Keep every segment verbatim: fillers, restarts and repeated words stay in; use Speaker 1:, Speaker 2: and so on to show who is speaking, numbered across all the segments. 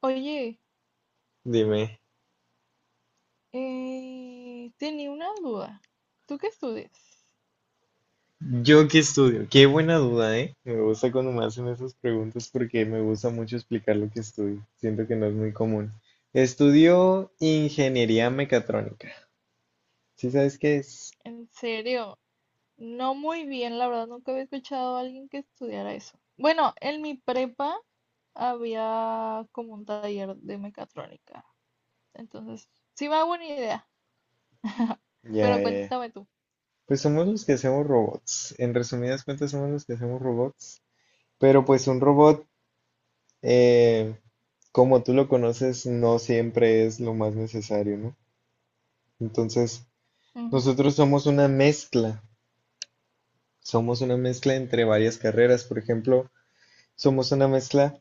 Speaker 1: Oye,
Speaker 2: Dime,
Speaker 1: eh, tenía una duda. ¿Tú qué estudias?
Speaker 2: ¿yo qué estudio? Qué buena duda, ¿eh? Me gusta cuando me hacen esas preguntas porque me gusta mucho explicar lo que estudio. Siento que no es muy común. Estudio ingeniería mecatrónica. ¿Sí sabes qué es?
Speaker 1: En serio, no muy bien, la verdad, nunca había escuchado a alguien que estudiara eso. Bueno, en mi prepa había como un taller de mecatrónica, entonces sí me hago una idea,
Speaker 2: Ya,
Speaker 1: pero
Speaker 2: ya, ya.
Speaker 1: cuéntame tú.
Speaker 2: Pues somos los que hacemos robots. En resumidas cuentas, somos los que hacemos robots. Pero pues un robot, eh, como tú lo conoces, no siempre es lo más necesario, ¿no? Entonces,
Speaker 1: Ujú.
Speaker 2: nosotros somos una mezcla Somos una mezcla entre varias carreras. Por ejemplo, somos una mezcla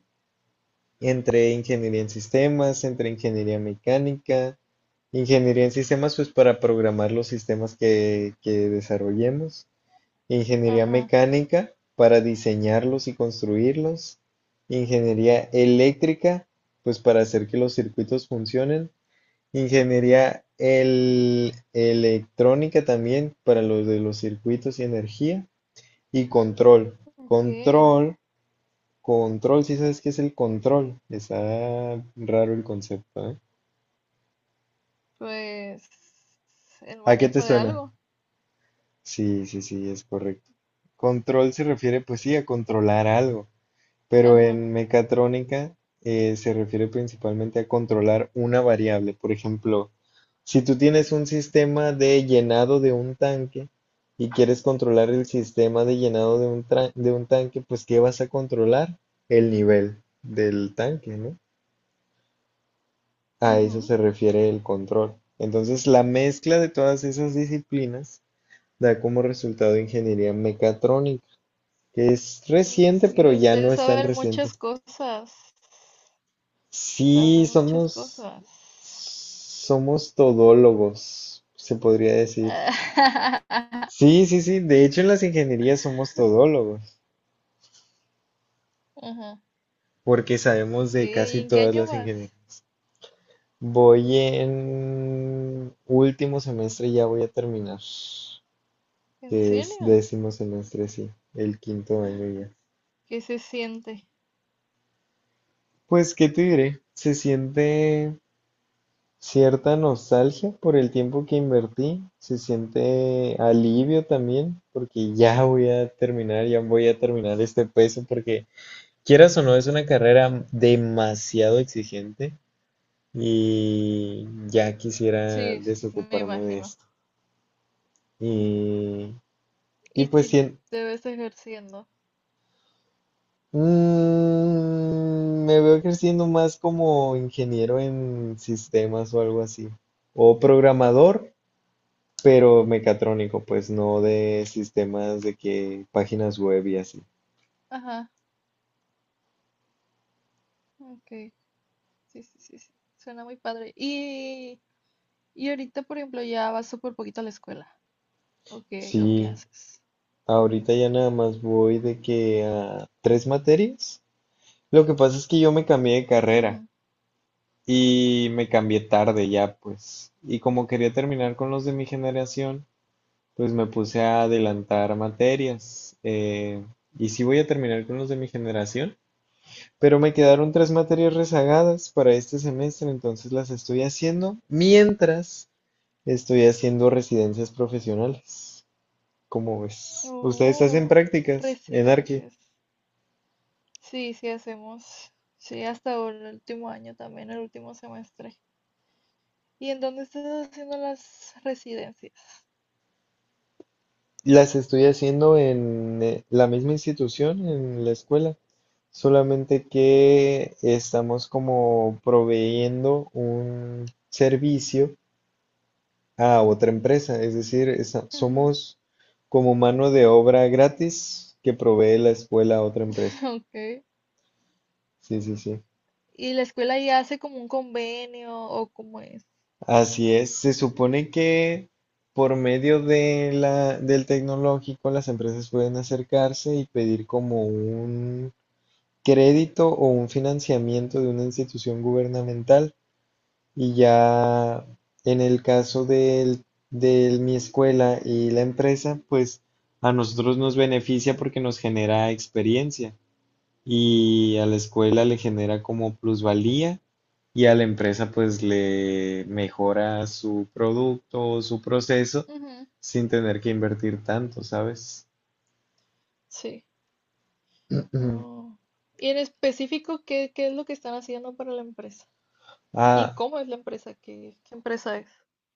Speaker 2: entre ingeniería en sistemas, entre ingeniería mecánica. Ingeniería en sistemas pues para programar los sistemas que, que desarrollemos, ingeniería
Speaker 1: Ajá.
Speaker 2: mecánica para diseñarlos y construirlos, ingeniería eléctrica pues para hacer que los circuitos funcionen, ingeniería el- electrónica también para los de los circuitos y energía. Y control.
Speaker 1: Ok,
Speaker 2: Control. Control, si sabes qué es el control. Está raro el concepto, ¿eh?
Speaker 1: pues el
Speaker 2: ¿A qué te
Speaker 1: manejo de
Speaker 2: suena?
Speaker 1: algo.
Speaker 2: Sí, sí, sí, es correcto. Control se refiere, pues sí, a controlar algo. Pero
Speaker 1: Ajá.
Speaker 2: en mecatrónica eh, se refiere principalmente a controlar una variable. Por ejemplo, si tú tienes un sistema de llenado de un tanque y quieres controlar el sistema de llenado de un, tra- de un tanque, pues ¿qué vas a controlar? El nivel del tanque, ¿no? A eso
Speaker 1: Ujú.
Speaker 2: se refiere el control. Entonces, la mezcla de todas esas disciplinas da como resultado ingeniería mecatrónica, que es reciente, pero
Speaker 1: Ok.
Speaker 2: ya no
Speaker 1: Ustedes
Speaker 2: es tan
Speaker 1: saben
Speaker 2: reciente.
Speaker 1: muchas cosas.
Speaker 2: Sí,
Speaker 1: Sabe muchas
Speaker 2: somos,
Speaker 1: cosas.
Speaker 2: somos todólogos, se podría decir. Sí, sí, sí. De hecho, en las ingenierías somos todólogos,
Speaker 1: Ajá.
Speaker 2: porque sabemos
Speaker 1: Ok,
Speaker 2: de
Speaker 1: ¿y
Speaker 2: casi
Speaker 1: en qué
Speaker 2: todas
Speaker 1: año
Speaker 2: las ingenierías.
Speaker 1: vas?
Speaker 2: Voy en último semestre, ya voy a terminar,
Speaker 1: ¿En
Speaker 2: que es
Speaker 1: serio?
Speaker 2: décimo semestre, sí, el quinto año ya.
Speaker 1: ¿Qué se siente?
Speaker 2: Pues, ¿qué te diré? Se siente cierta nostalgia por el tiempo que invertí, se siente alivio también, porque ya voy a terminar, ya voy a terminar este peso, porque quieras o no, es una carrera demasiado exigente y ya
Speaker 1: Sí,
Speaker 2: quisiera
Speaker 1: s- me
Speaker 2: desocuparme de
Speaker 1: imagino.
Speaker 2: esto. Y, y
Speaker 1: ¿Y
Speaker 2: pues
Speaker 1: si
Speaker 2: sien-
Speaker 1: te ves ejerciendo?
Speaker 2: mm, me veo creciendo más como ingeniero en sistemas o algo así, o programador. Pero mecatrónico, pues no de sistemas de que páginas web y así.
Speaker 1: Ajá, ok. Sí, sí, sí, sí. Suena muy padre. Y, y ahorita, por ejemplo, ya vas súper poquito a la escuela. ¿O qué, o qué
Speaker 2: Sí,
Speaker 1: haces?
Speaker 2: ahorita ya nada más voy de que a tres materias. Lo que pasa es que yo me cambié de carrera
Speaker 1: Ujú.
Speaker 2: y me cambié tarde ya, pues. Y como quería terminar con los de mi generación, pues me puse a adelantar materias. eh, y sí voy a terminar con los de mi generación, pero me quedaron tres materias rezagadas para este semestre, entonces las estoy haciendo mientras Estoy haciendo residencias profesionales. ¿Cómo ves? ¿Ustedes hacen
Speaker 1: Oh,
Speaker 2: prácticas en Arque?
Speaker 1: residencias. Sí, sí hacemos. Sí, hasta el último año también, el último semestre. ¿Y en dónde estás haciendo las residencias?
Speaker 2: Las estoy haciendo en eh, la misma institución, en la escuela, solamente que estamos como proveyendo un servicio a otra empresa, es decir, esa-
Speaker 1: Ujú.
Speaker 2: somos como mano de obra gratis que provee la escuela a otra empresa.
Speaker 1: Ok.
Speaker 2: Sí, sí, sí.
Speaker 1: ¿Y la escuela ya hace como un convenio o cómo es?
Speaker 2: Así
Speaker 1: Mm,
Speaker 2: es, se supone que por medio de la, del tecnológico las empresas pueden acercarse y pedir como un crédito o un financiamiento de una institución gubernamental, y ya en el caso del, de mi escuela y la empresa, pues a nosotros nos beneficia porque nos genera experiencia, y a la escuela le genera como plusvalía, y a la empresa pues le mejora su producto o su proceso
Speaker 1: ujú.
Speaker 2: sin tener que invertir tanto, ¿sabes?
Speaker 1: Sí. Oh. ¿Y en específico qué, qué es lo que están haciendo para la empresa? ¿Y
Speaker 2: Ah,
Speaker 1: cómo es la empresa? ¿Qué, qué empresa es?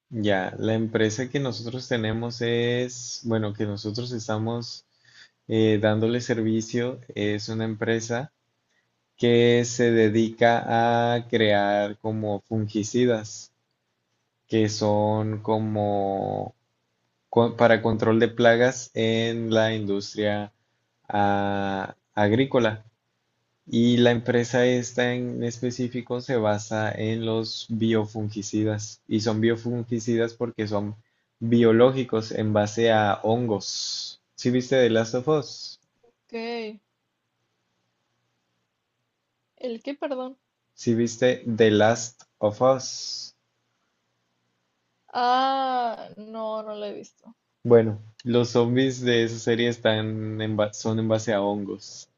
Speaker 2: ya, la empresa que nosotros tenemos es, bueno, que nosotros estamos eh, dándole servicio, es una empresa que se dedica a crear como fungicidas, que son como co- para control de plagas en la industria ah, agrícola. Y la empresa esta en específico se basa en los biofungicidas. Y son biofungicidas porque son biológicos en base a hongos. ¿Sí viste The Last of Us?
Speaker 1: Ok. ¿El qué, perdón?
Speaker 2: ¿Sí viste The Last of Us?
Speaker 1: Ah, no, no la he visto.
Speaker 2: Bueno, los zombies de esa serie están en ba- son en base a hongos.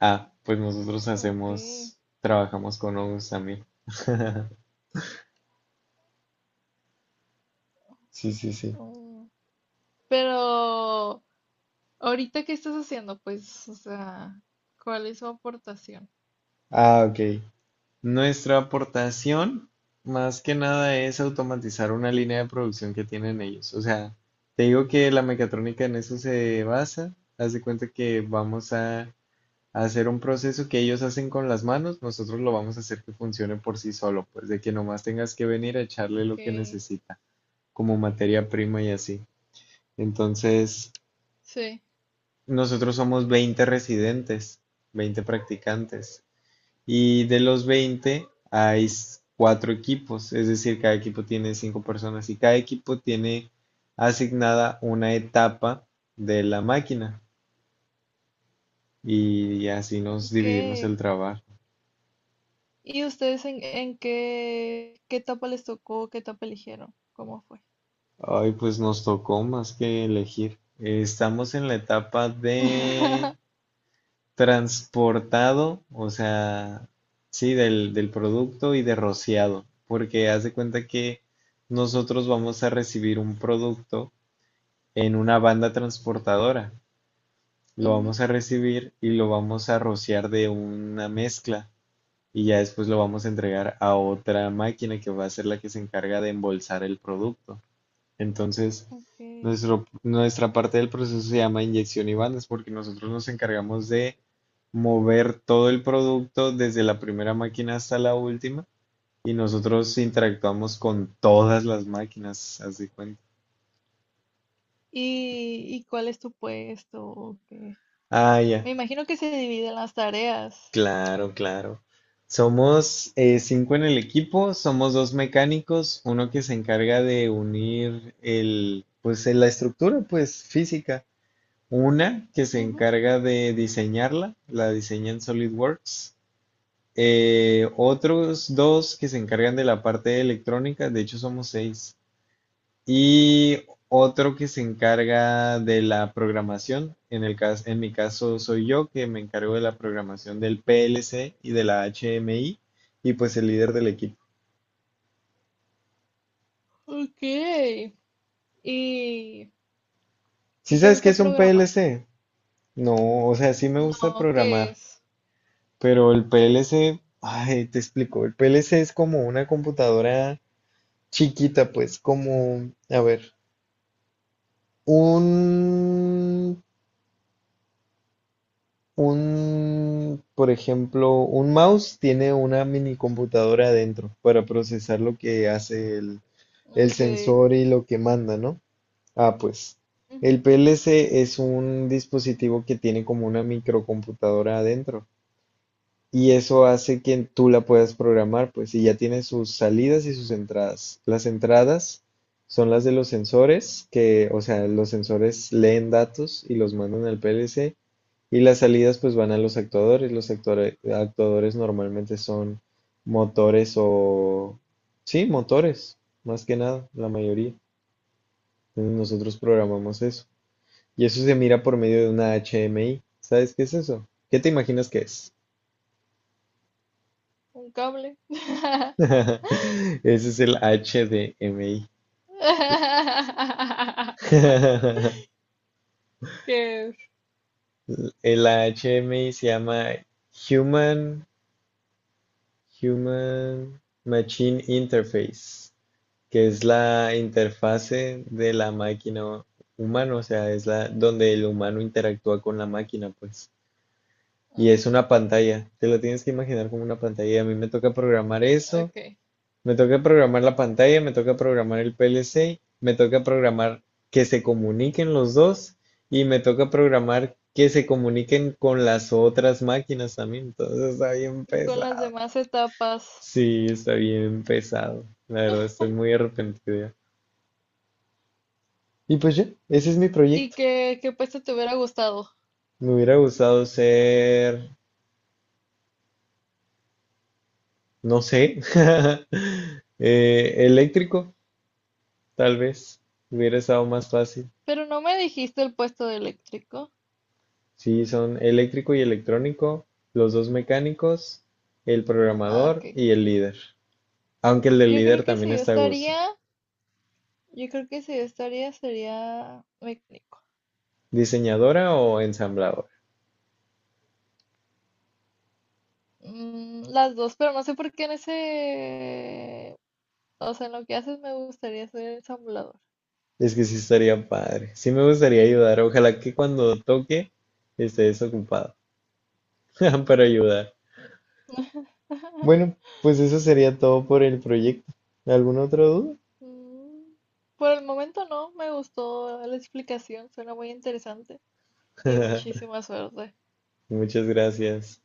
Speaker 2: Ah, pues nosotros
Speaker 1: Ok.
Speaker 2: hacemos, trabajamos con hongos también. Sí, sí, sí.
Speaker 1: Oh. Pero, ¿ahorita qué estás haciendo? Pues, o sea, ¿cuál es su aportación?
Speaker 2: Ah, ok. Nuestra aportación, más que nada, es automatizar una línea de producción que tienen ellos. O sea, te digo que la mecatrónica en eso se basa. Haz de cuenta que vamos a, a hacer un proceso que ellos hacen con las manos, nosotros lo vamos a hacer que funcione por sí solo, pues de que nomás tengas que venir a echarle
Speaker 1: Ok.
Speaker 2: lo que necesita, como materia prima y así. Entonces,
Speaker 1: Sí.
Speaker 2: nosotros somos veinte residentes, veinte practicantes. Y de los veinte hay cuatro equipos, es decir, cada equipo tiene cinco personas y cada equipo tiene asignada una etapa de la máquina. Y así nos dividimos el
Speaker 1: ¿Qué?
Speaker 2: trabajo.
Speaker 1: ¿Y ustedes en, en qué, qué etapa les tocó, qué etapa eligieron? ¿Cómo fue?
Speaker 2: Ay, pues nos tocó más que elegir. Estamos en la etapa de transportado, o sea, sí, del, del producto y de rociado, porque haz de cuenta que nosotros vamos a recibir un producto en una banda transportadora, lo
Speaker 1: Ujú,
Speaker 2: vamos a recibir y lo vamos a rociar de una mezcla, y ya después lo vamos a entregar a otra máquina que va a ser la que se encarga de embolsar el producto. Entonces,
Speaker 1: ok.
Speaker 2: nuestro, nuestra parte del proceso se llama inyección y bandas, porque nosotros nos encargamos de mover todo el producto desde la primera máquina hasta la última y nosotros interactuamos con todas las máquinas, haz de cuenta.
Speaker 1: ¿Y, y cuál es tu puesto? ¿O qué?
Speaker 2: Ah, ya,
Speaker 1: Me imagino que se dividen las tareas.
Speaker 2: claro, claro. Somos eh, cinco en el equipo, somos dos mecánicos, uno que se encarga de unir el, pues, eh, la estructura, pues, física. Una que se
Speaker 1: Ujú.
Speaker 2: encarga de diseñarla, la diseña en SolidWorks. Eh, otros dos que se encargan de la parte electrónica, de hecho somos seis. Y otro que se encarga de la programación, en el cas- en mi caso soy yo que me encargo de la programación del P L C y de la H M I y pues el líder del equipo.
Speaker 1: Ok. ¿Y si
Speaker 2: ¿Sí
Speaker 1: te
Speaker 2: sabes qué
Speaker 1: gusta
Speaker 2: es un
Speaker 1: programar?
Speaker 2: P L C? No, o sea, sí me gusta
Speaker 1: No, ¿qué
Speaker 2: programar.
Speaker 1: es?
Speaker 2: Pero el P L C, ay, te explico, el P L C es como una computadora chiquita, pues como, a ver, un, un, por ejemplo, un mouse tiene una mini computadora adentro para procesar lo que hace el, el
Speaker 1: Ok.
Speaker 2: sensor y lo que manda, ¿no? Ah, pues,
Speaker 1: Ujú.
Speaker 2: el P L C es un dispositivo que tiene como una microcomputadora adentro. Y eso hace que tú la puedas programar, pues, y ya tiene sus salidas y sus entradas. Las entradas son las de los sensores, que, o sea, los sensores leen datos y los mandan al P L C, y las salidas pues van a los actuadores. Los actuare- actuadores normalmente son motores o... Sí, motores, más que nada, la mayoría. Entonces nosotros programamos eso. Y eso se mira por medio de una H M I. ¿Sabes qué es eso? ¿Qué te imaginas que es?
Speaker 1: Un cable.
Speaker 2: Ese es el H D M I.
Speaker 1: ¿Qué es?
Speaker 2: El H D M I se llama Human, Human Machine Interface, que es la interfase de la máquina humana, o sea, es la donde el humano interactúa con la máquina, pues. Y es
Speaker 1: Ujú.
Speaker 2: una pantalla, te lo tienes que imaginar como una pantalla. A mí me toca programar eso.
Speaker 1: Ok.
Speaker 2: Me toca programar la pantalla, me toca programar el P L C, me toca programar que se comuniquen los dos y me toca programar que se comuniquen con las otras máquinas también. Entonces está bien
Speaker 1: ¿Y con las
Speaker 2: pesado.
Speaker 1: demás etapas?
Speaker 2: Sí, está bien pesado. La verdad, estoy muy arrepentido. Y pues ya, ese es mi
Speaker 1: Y
Speaker 2: proyecto.
Speaker 1: que, qué puesto te hubiera gustado.
Speaker 2: Me hubiera gustado ser, no sé, eh, eléctrico, tal vez. Hubiera estado más fácil.
Speaker 1: Pero no me dijiste el puesto de eléctrico.
Speaker 2: Sí, son eléctrico y electrónico, los dos mecánicos, el
Speaker 1: Ah,
Speaker 2: programador
Speaker 1: ok.
Speaker 2: y el líder. Aunque el del
Speaker 1: Yo creo
Speaker 2: líder
Speaker 1: que
Speaker 2: también
Speaker 1: si yo
Speaker 2: está a gusto.
Speaker 1: estaría, yo creo que si yo estaría sería mecánico.
Speaker 2: ¿Diseñadora o ensambladora?
Speaker 1: Mm, las dos, pero no sé por qué en ese, o sea, en lo que haces me gustaría ser ensamblador.
Speaker 2: Es que sí estaría padre. Sí me gustaría ayudar. Ojalá que cuando toque estés ocupado para ayudar. Bueno, pues eso sería todo por el proyecto. ¿Alguna otra duda?
Speaker 1: Mm, por el momento no, me gustó la explicación, suena muy interesante y muchísima suerte.
Speaker 2: Muchas gracias.